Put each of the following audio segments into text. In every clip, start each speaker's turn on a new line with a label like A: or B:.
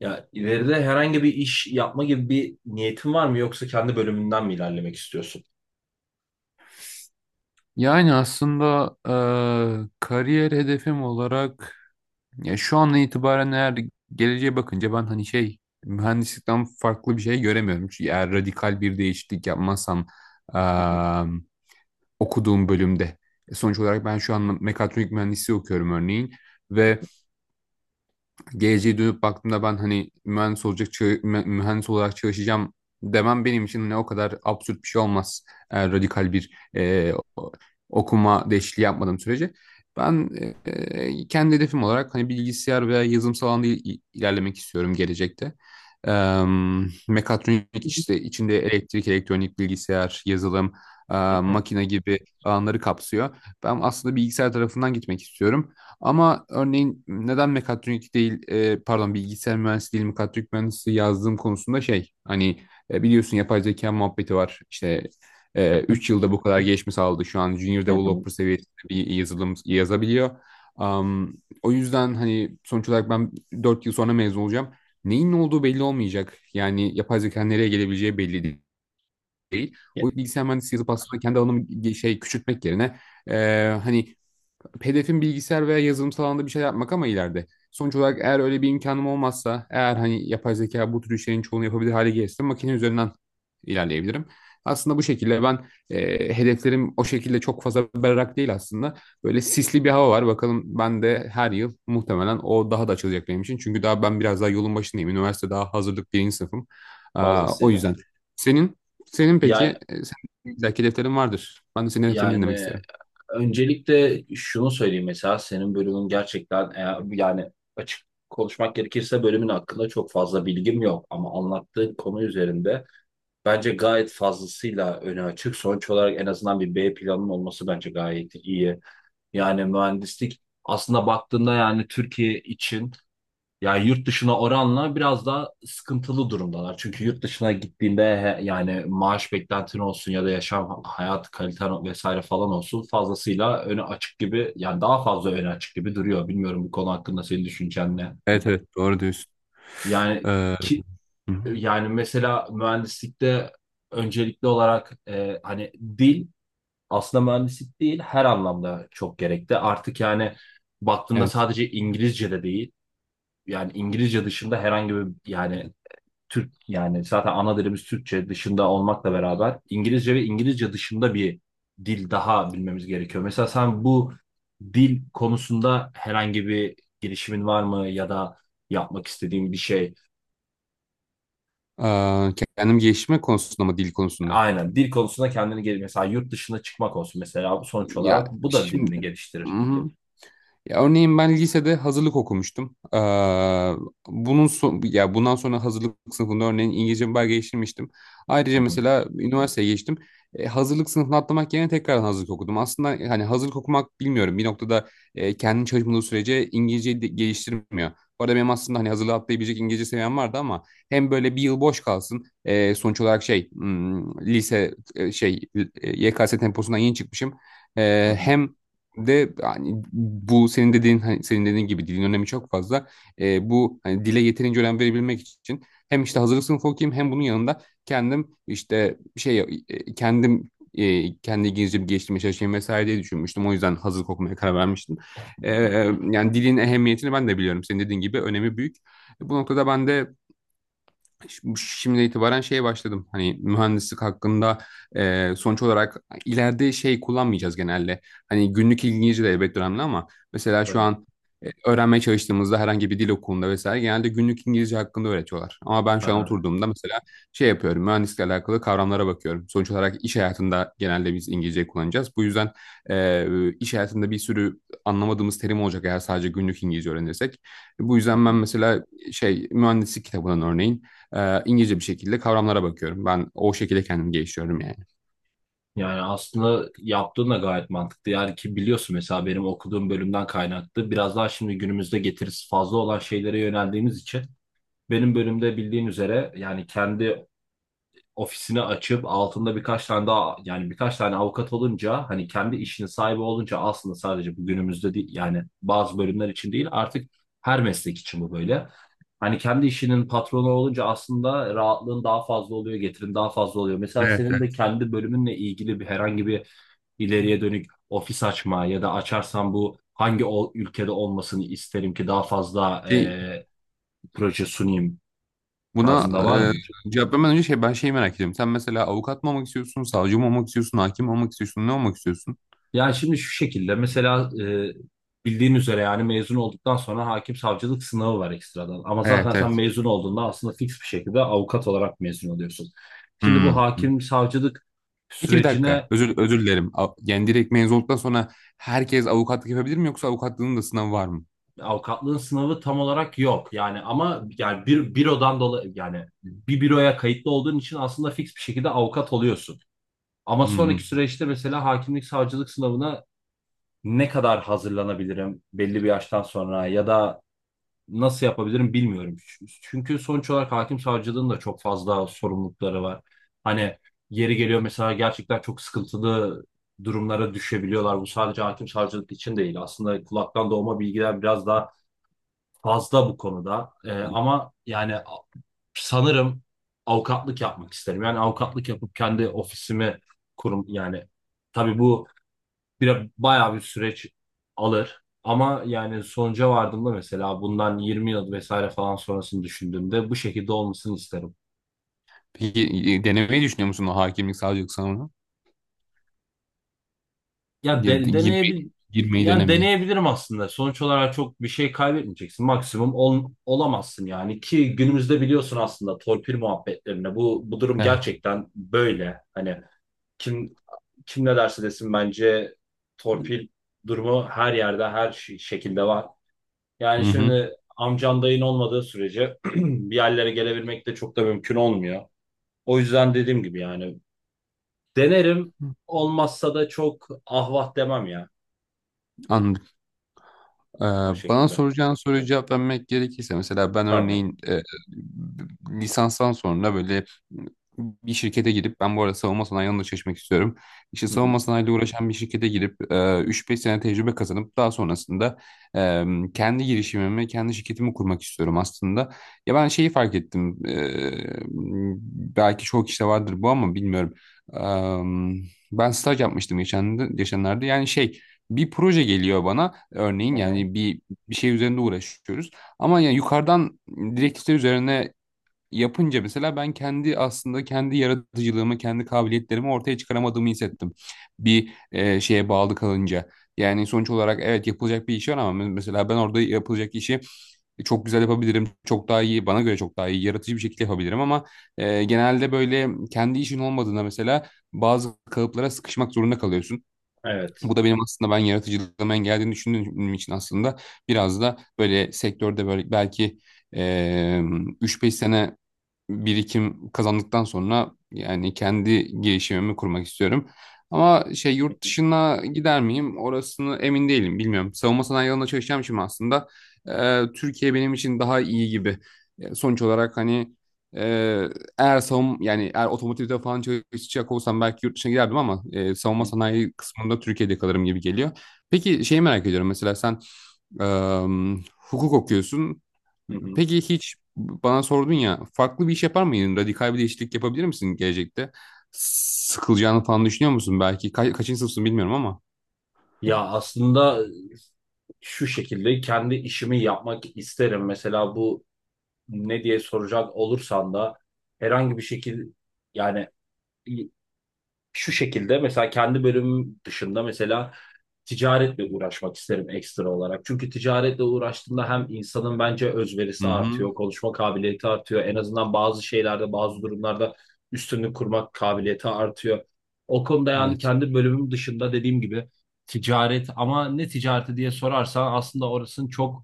A: Ya ileride herhangi bir iş yapma gibi bir niyetin var mı yoksa kendi bölümünden mi ilerlemek istiyorsun?
B: Yani aslında kariyer hedefim olarak ya şu an itibaren eğer geleceğe bakınca ben hani şey mühendislikten farklı bir şey göremiyorum. Çünkü eğer radikal bir değişiklik yapmazsam eee, okuduğum bölümde. Sonuç olarak ben şu an mekatronik mühendisliği okuyorum örneğin ve geleceğe dönüp baktığımda ben hani mühendis mühendis olarak çalışacağım demem benim için ne o kadar absürt bir şey olmaz. Eğer radikal bir okuma değişikliği yapmadığım sürece. Ben kendi hedefim olarak hani bilgisayar veya yazılımsal alanda ilerlemek istiyorum gelecekte. Em, Mekatronik işte içinde elektrik, elektronik, bilgisayar, yazılım, e,
A: Hı hı,
B: makine gibi alanları kapsıyor. Ben aslında bilgisayar tarafından gitmek istiyorum. Ama örneğin neden mekatronik değil, pardon, bilgisayar mühendisi değil mekatronik mühendisi yazdığım konusunda şey hani biliyorsun yapay zeka muhabbeti var. İşte 3 yılda bu kadar gelişme sağladı. Şu an junior
A: hı hı.
B: developer seviyesinde bir yazılım yazabiliyor. Am, O yüzden hani sonuç olarak ben 4 yıl sonra mezun olacağım. Neyin ne olduğu belli olmayacak. Yani yapay zeka nereye gelebileceği belli değil.
A: Ya,
B: O bilgisayar mühendisi yazıp aslında kendi alanımı şey küçültmek yerine e, hani hedefim bilgisayar veya yazılımsal alanda bir şey yapmak ama ileride. Sonuç olarak eğer öyle bir imkanım olmazsa, eğer hani yapay zeka bu tür işlerin çoğunu yapabilir hale gelirse makine üzerinden ilerleyebilirim. Aslında bu şekilde ben hedeflerim o şekilde çok fazla berrak değil aslında. Böyle sisli bir hava var. Bakalım ben de her yıl muhtemelen o daha da açılacak benim için. Çünkü daha ben biraz daha yolun başındayım. Üniversite daha hazırlık birinci sınıfım. Aa, o
A: fazlasıyla.
B: yüzden. Senin senin, peki
A: Ya,
B: senin belki hedeflerin vardır. Ben de senin hedeflerini dinlemek
A: yani
B: isterim.
A: öncelikle şunu söyleyeyim. Mesela senin bölümün gerçekten eğer, yani açık konuşmak gerekirse bölümün hakkında çok fazla bilgim yok ama anlattığın konu üzerinde bence gayet fazlasıyla öne açık. Sonuç olarak en azından bir B planın olması bence gayet iyi. Yani mühendislik aslında baktığında yani Türkiye için, yani yurt dışına oranla biraz daha sıkıntılı durumdalar. Çünkü yurt dışına gittiğinde yani maaş beklentin olsun ya da yaşam hayat kaliten vesaire falan olsun fazlasıyla öne açık gibi, yani daha fazla öne açık gibi duruyor. Bilmiyorum, bu konu hakkında senin düşüncen ne?
B: Evet, evet, doğru diyorsun.
A: Yani
B: Hı
A: ki
B: hı,
A: yani mesela mühendislikte öncelikli olarak hani dil, aslında mühendislik değil her anlamda çok gerekli. Artık yani baktığında
B: evet.
A: sadece İngilizce de değil, yani İngilizce dışında herhangi bir yani Türk yani zaten ana dilimiz Türkçe dışında olmakla beraber İngilizce ve İngilizce dışında bir dil daha bilmemiz gerekiyor. Mesela sen bu dil konusunda herhangi bir girişimin var mı ya da yapmak istediğin bir şey?
B: Ee, Kendim geliştirme konusunda mı, dil konusunda?
A: Aynen dil konusunda kendini gel, mesela yurt dışına çıkmak olsun, mesela sonuç
B: Ya
A: olarak bu da
B: şimdi,
A: dilini
B: hı
A: geliştirir.
B: hı. Ya örneğin ben lisede hazırlık okumuştum. Bunun son, ya bundan sonra hazırlık sınıfında örneğin İngilizce bir belge geçirmiştim.
A: Hı
B: Ayrıca
A: hı,
B: mesela üniversiteye geçtim. Hazırlık sınıfını atlamak yerine tekrardan hazırlık okudum. Aslında hani hazırlık okumak bilmiyorum. Bir noktada kendi çalışmadığı sürece İngilizceyi de geliştirmiyor. Bu arada benim aslında hani hazırlığı atlayabilecek İngilizce seviyem vardı ama hem böyle bir yıl boş kalsın. Sonuç olarak şey lise şey YKS temposundan yeni çıkmışım.
A: hı hı,
B: Hem de hani bu senin dediğin gibi dilin önemi çok fazla. Bu hani dile yeterince önem verebilmek için hem işte hazırlık sınıfı okuyayım hem bunun yanında kendim işte şey kendim kendi İngilizcemi geliştirmeye çalışayım vesaire diye düşünmüştüm. O yüzden hazırlık okumaya karar vermiştim. Ee,
A: hı hı.
B: Yani dilin ehemmiyetini ben de biliyorum. Senin dediğin gibi önemi büyük. Bu noktada ben de şimdi itibaren şeye başladım. Hani mühendislik hakkında sonuç olarak ileride şey kullanmayacağız genelde. Hani günlük İngilizce de elbette önemli ama mesela şu
A: Tabii.
B: an öğrenmeye çalıştığımızda herhangi bir dil okulunda vesaire genelde günlük İngilizce hakkında öğretiyorlar. Ama ben şu an
A: Aha.
B: oturduğumda mesela şey yapıyorum. Mühendislikle alakalı kavramlara bakıyorum. Sonuç olarak iş hayatında genelde biz İngilizce kullanacağız. Bu yüzden e, iş hayatında bir sürü anlamadığımız terim olacak eğer sadece günlük İngilizce öğrenirsek. Bu yüzden ben mesela şey mühendislik kitabından örneğin İngilizce bir şekilde kavramlara bakıyorum. Ben o şekilde kendimi geliştiriyorum yani.
A: Yani aslında yaptığın da gayet mantıklı. Yani ki biliyorsun, mesela benim okuduğum bölümden kaynaklı biraz daha şimdi günümüzde getirisi fazla olan şeylere yöneldiğimiz için benim bölümde bildiğin üzere yani kendi ofisini açıp altında birkaç tane daha, yani birkaç tane avukat olunca, hani kendi işinin sahibi olunca aslında sadece bu günümüzde değil, yani bazı bölümler için değil, artık her meslek için bu böyle. Hani kendi işinin patronu olunca aslında rahatlığın daha fazla oluyor, getirin daha fazla oluyor. Mesela
B: Evet,
A: senin de
B: evet.
A: kendi bölümünle ilgili bir herhangi bir ileriye dönük ofis açma ya da açarsam bu hangi ülkede olmasını isterim ki daha fazla
B: Şey,
A: proje sunayım
B: buna
A: tarzında var mıdır?
B: cevap vermeden önce şey ben şeyi merak ediyorum. Sen mesela avukat mı olmak istiyorsun, savcı mı olmak istiyorsun, hakim mi olmak istiyorsun, ne olmak istiyorsun?
A: Yani şimdi şu şekilde mesela bildiğin üzere yani mezun olduktan sonra hakim savcılık sınavı var ekstradan. Ama zaten
B: Evet,
A: sen
B: evet.
A: mezun olduğunda aslında fix bir şekilde avukat olarak mezun oluyorsun. Şimdi bu
B: Hmm.
A: hakim savcılık
B: Peki bir dakika.
A: sürecine
B: Özür dilerim. Yani direkt mezun olduktan sonra herkes avukatlık yapabilir mi yoksa avukatlığın da sınavı var mı?
A: avukatlığın sınavı tam olarak yok. Yani ama yani bir bürodan dolayı, yani bir büroya kayıtlı olduğun için aslında fix bir şekilde avukat oluyorsun. Ama
B: Hmm.
A: sonraki
B: Hmm.
A: süreçte mesela hakimlik savcılık sınavına ne kadar hazırlanabilirim belli bir yaştan sonra ya da nasıl yapabilirim, bilmiyorum. Çünkü sonuç olarak hakim savcılığın da çok fazla sorumlulukları var. Hani yeri geliyor mesela gerçekten çok sıkıntılı durumlara düşebiliyorlar. Bu sadece hakim savcılık için değil. Aslında kulaktan doğma bilgiler biraz daha fazla bu konuda. Ama yani sanırım avukatlık yapmak isterim. Yani avukatlık yapıp kendi ofisimi kurum yani, tabii bu bir bayağı bir süreç alır. Ama yani sonuca vardığımda mesela bundan 20 yıl vesaire falan sonrasını düşündüğümde bu şekilde olmasını isterim.
B: Peki denemeyi düşünüyor musun o hakimlik, savcılık sınavını?
A: Ya
B: Gi-
A: de,
B: Girmeyi,
A: deneyebil
B: girmeyi
A: yani
B: denemeyi.
A: deneyebilirim aslında. Sonuç olarak çok bir şey kaybetmeyeceksin. Maksimum olamazsın, yani ki günümüzde biliyorsun aslında torpil muhabbetlerine bu durum
B: Evet.
A: gerçekten böyle. Hani kim kim ne derse desin, bence torpil durumu her yerde her şekilde var. Yani
B: Hı hı.
A: şimdi amcan dayın olmadığı sürece bir yerlere gelebilmek de çok da mümkün olmuyor. O yüzden dediğim gibi yani denerim, olmazsa da çok ahvah demem ya,
B: Anladım. Ee,
A: o
B: Bana
A: şekilde.
B: soracağın soruya cevap vermek gerekirse mesela ben
A: Tamam.
B: örneğin lisanstan sonra böyle bir şirkete girip ben bu arada savunma sanayi alanında çalışmak istiyorum. İşte
A: Hı hı.
B: savunma sanayiyle uğraşan bir şirkete girip 3-5 sene tecrübe kazanıp daha sonrasında e, kendi girişimimi, kendi şirketimi kurmak istiyorum aslında. Ya ben şeyi fark ettim. Belki çoğu kişide vardır bu ama bilmiyorum. Ben staj yapmıştım geçenlerde. Yani şey bir proje geliyor bana. Örneğin
A: Aha.
B: yani bir şey üzerinde uğraşıyoruz. Ama yani yukarıdan direktifler üzerine yapınca mesela ben kendi aslında kendi yaratıcılığımı, kendi kabiliyetlerimi ortaya çıkaramadığımı hissettim. Bir şeye bağlı kalınca. Yani sonuç olarak evet yapılacak bir iş var ama mesela ben orada yapılacak işi çok güzel yapabilirim. Çok daha iyi, bana göre çok daha iyi, yaratıcı bir şekilde yapabilirim ama genelde böyle kendi işin olmadığında mesela bazı kalıplara sıkışmak zorunda kalıyorsun.
A: Evet.
B: Bu da benim aslında ben yaratıcılığıma engeldiğini düşündüğüm için aslında biraz da böyle sektörde böyle belki eee 3-5 sene birikim kazandıktan sonra yani kendi girişimimi kurmak istiyorum. Ama şey yurt
A: Hı
B: dışına gider miyim? Orasını emin değilim. Bilmiyorum. Savunma sanayi alanında çalışacağım şimdi aslında Türkiye benim için daha iyi gibi. Sonuç olarak hani e, eğer savun yani eğer otomotivde falan çalışacak olsam belki yurt dışına giderdim ama savunma
A: hı.
B: sanayi kısmında Türkiye'de kalırım gibi geliyor. Peki şeyi merak ediyorum mesela sen Eee, hukuk okuyorsun.
A: Hı hı.
B: Peki hiç bana sordun ya farklı bir iş yapar mıydın? Radikal bir değişiklik yapabilir misin gelecekte? Sıkılacağını falan düşünüyor musun? Belki kaçıncı sınıfsın bilmiyorum ama.
A: Ya aslında şu şekilde kendi işimi yapmak isterim. Mesela bu ne diye soracak olursan da herhangi bir şekilde, yani şu şekilde mesela kendi bölümüm dışında mesela ticaretle uğraşmak isterim ekstra olarak. Çünkü ticaretle uğraştığında hem insanın bence
B: Hı
A: özverisi
B: hı.
A: artıyor, konuşma kabiliyeti artıyor. En azından bazı şeylerde, bazı durumlarda üstünlük kurmak kabiliyeti artıyor. O konuda yani
B: Evet.
A: kendi bölümüm dışında dediğim gibi ticaret, ama ne ticareti diye sorarsan aslında orasını çok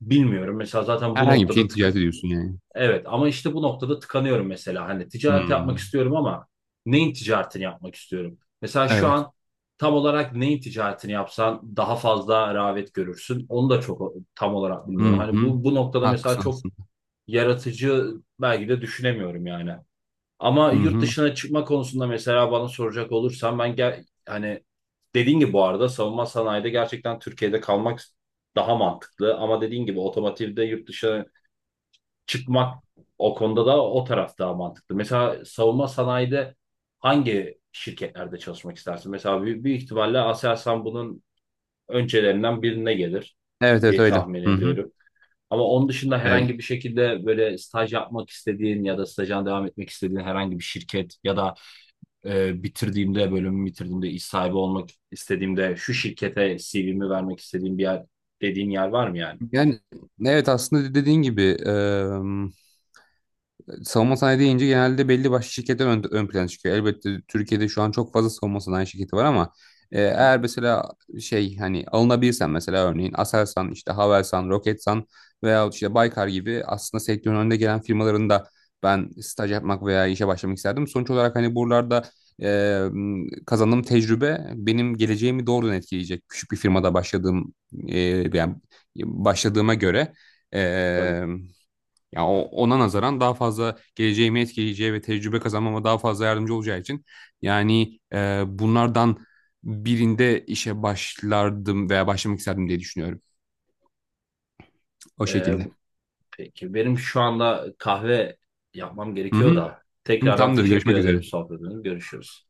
A: bilmiyorum. Mesela zaten bu
B: Herhangi bir
A: noktada
B: şey ticaret ediyorsun yani.
A: evet, ama işte bu noktada tıkanıyorum mesela. Hani
B: Hı
A: ticaret yapmak
B: hı.
A: istiyorum ama neyin ticaretini yapmak istiyorum? Mesela şu
B: Evet.
A: an tam olarak neyin ticaretini yapsan daha fazla rağbet görürsün, onu da çok tam olarak
B: Hı
A: bilmiyorum. Hani
B: hı.
A: bu noktada mesela
B: Haklısın
A: çok
B: aslında.
A: yaratıcı belki de düşünemiyorum yani. Ama
B: Hı
A: yurt
B: hı.
A: dışına çıkma konusunda mesela bana soracak olursan ben gel, hani dediğin gibi bu arada savunma sanayide gerçekten Türkiye'de kalmak daha mantıklı. Ama dediğin gibi otomotivde yurt dışına çıkmak, o konuda da o taraf daha mantıklı. Mesela savunma sanayide hangi şirketlerde çalışmak istersin? Mesela büyük, büyük ihtimalle Aselsan bunun öncelerinden birine gelir
B: Evet, evet,
A: diye
B: öyle.
A: tahmin
B: Hı hı.
A: ediyorum. Ama onun dışında
B: Evet.
A: herhangi bir şekilde böyle staj yapmak istediğin ya da stajına devam etmek istediğin herhangi bir şirket ya da bitirdiğimde, bölümü bitirdiğimde iş sahibi olmak istediğimde şu şirkete CV'mi vermek istediğim bir yer dediğin yer var mı yani?
B: Yani evet aslında dediğin gibi savunma sanayi deyince genelde belli başlı şirketler ön plana çıkıyor. Elbette Türkiye'de şu an çok fazla savunma sanayi şirketi var ama
A: Hı hı.
B: eğer mesela şey hani alınabilirsen mesela örneğin Aselsan, işte Havelsan, Roketsan veya işte Baykar gibi aslında sektörün önde gelen firmaların da ben staj yapmak veya işe başlamak isterdim. Sonuç olarak hani buralarda e, kazandığım tecrübe benim geleceğimi doğrudan etkileyecek. Küçük bir firmada başladığım e, yani başladığıma göre.
A: Tabii.
B: Ee, Ya ona nazaran daha fazla geleceğimi etkileyeceği ve tecrübe kazanmama daha fazla yardımcı olacağı için yani bunlardan birinde işe başlardım veya başlamak isterdim diye düşünüyorum. O
A: E,
B: şekilde.
A: peki, benim şu anda kahve yapmam
B: Hı
A: gerekiyor
B: hı.
A: da
B: Hı,
A: tekrardan
B: tamamdır.
A: teşekkür
B: Görüşmek
A: ederim
B: üzere.
A: sohbetiniz. Görüşürüz.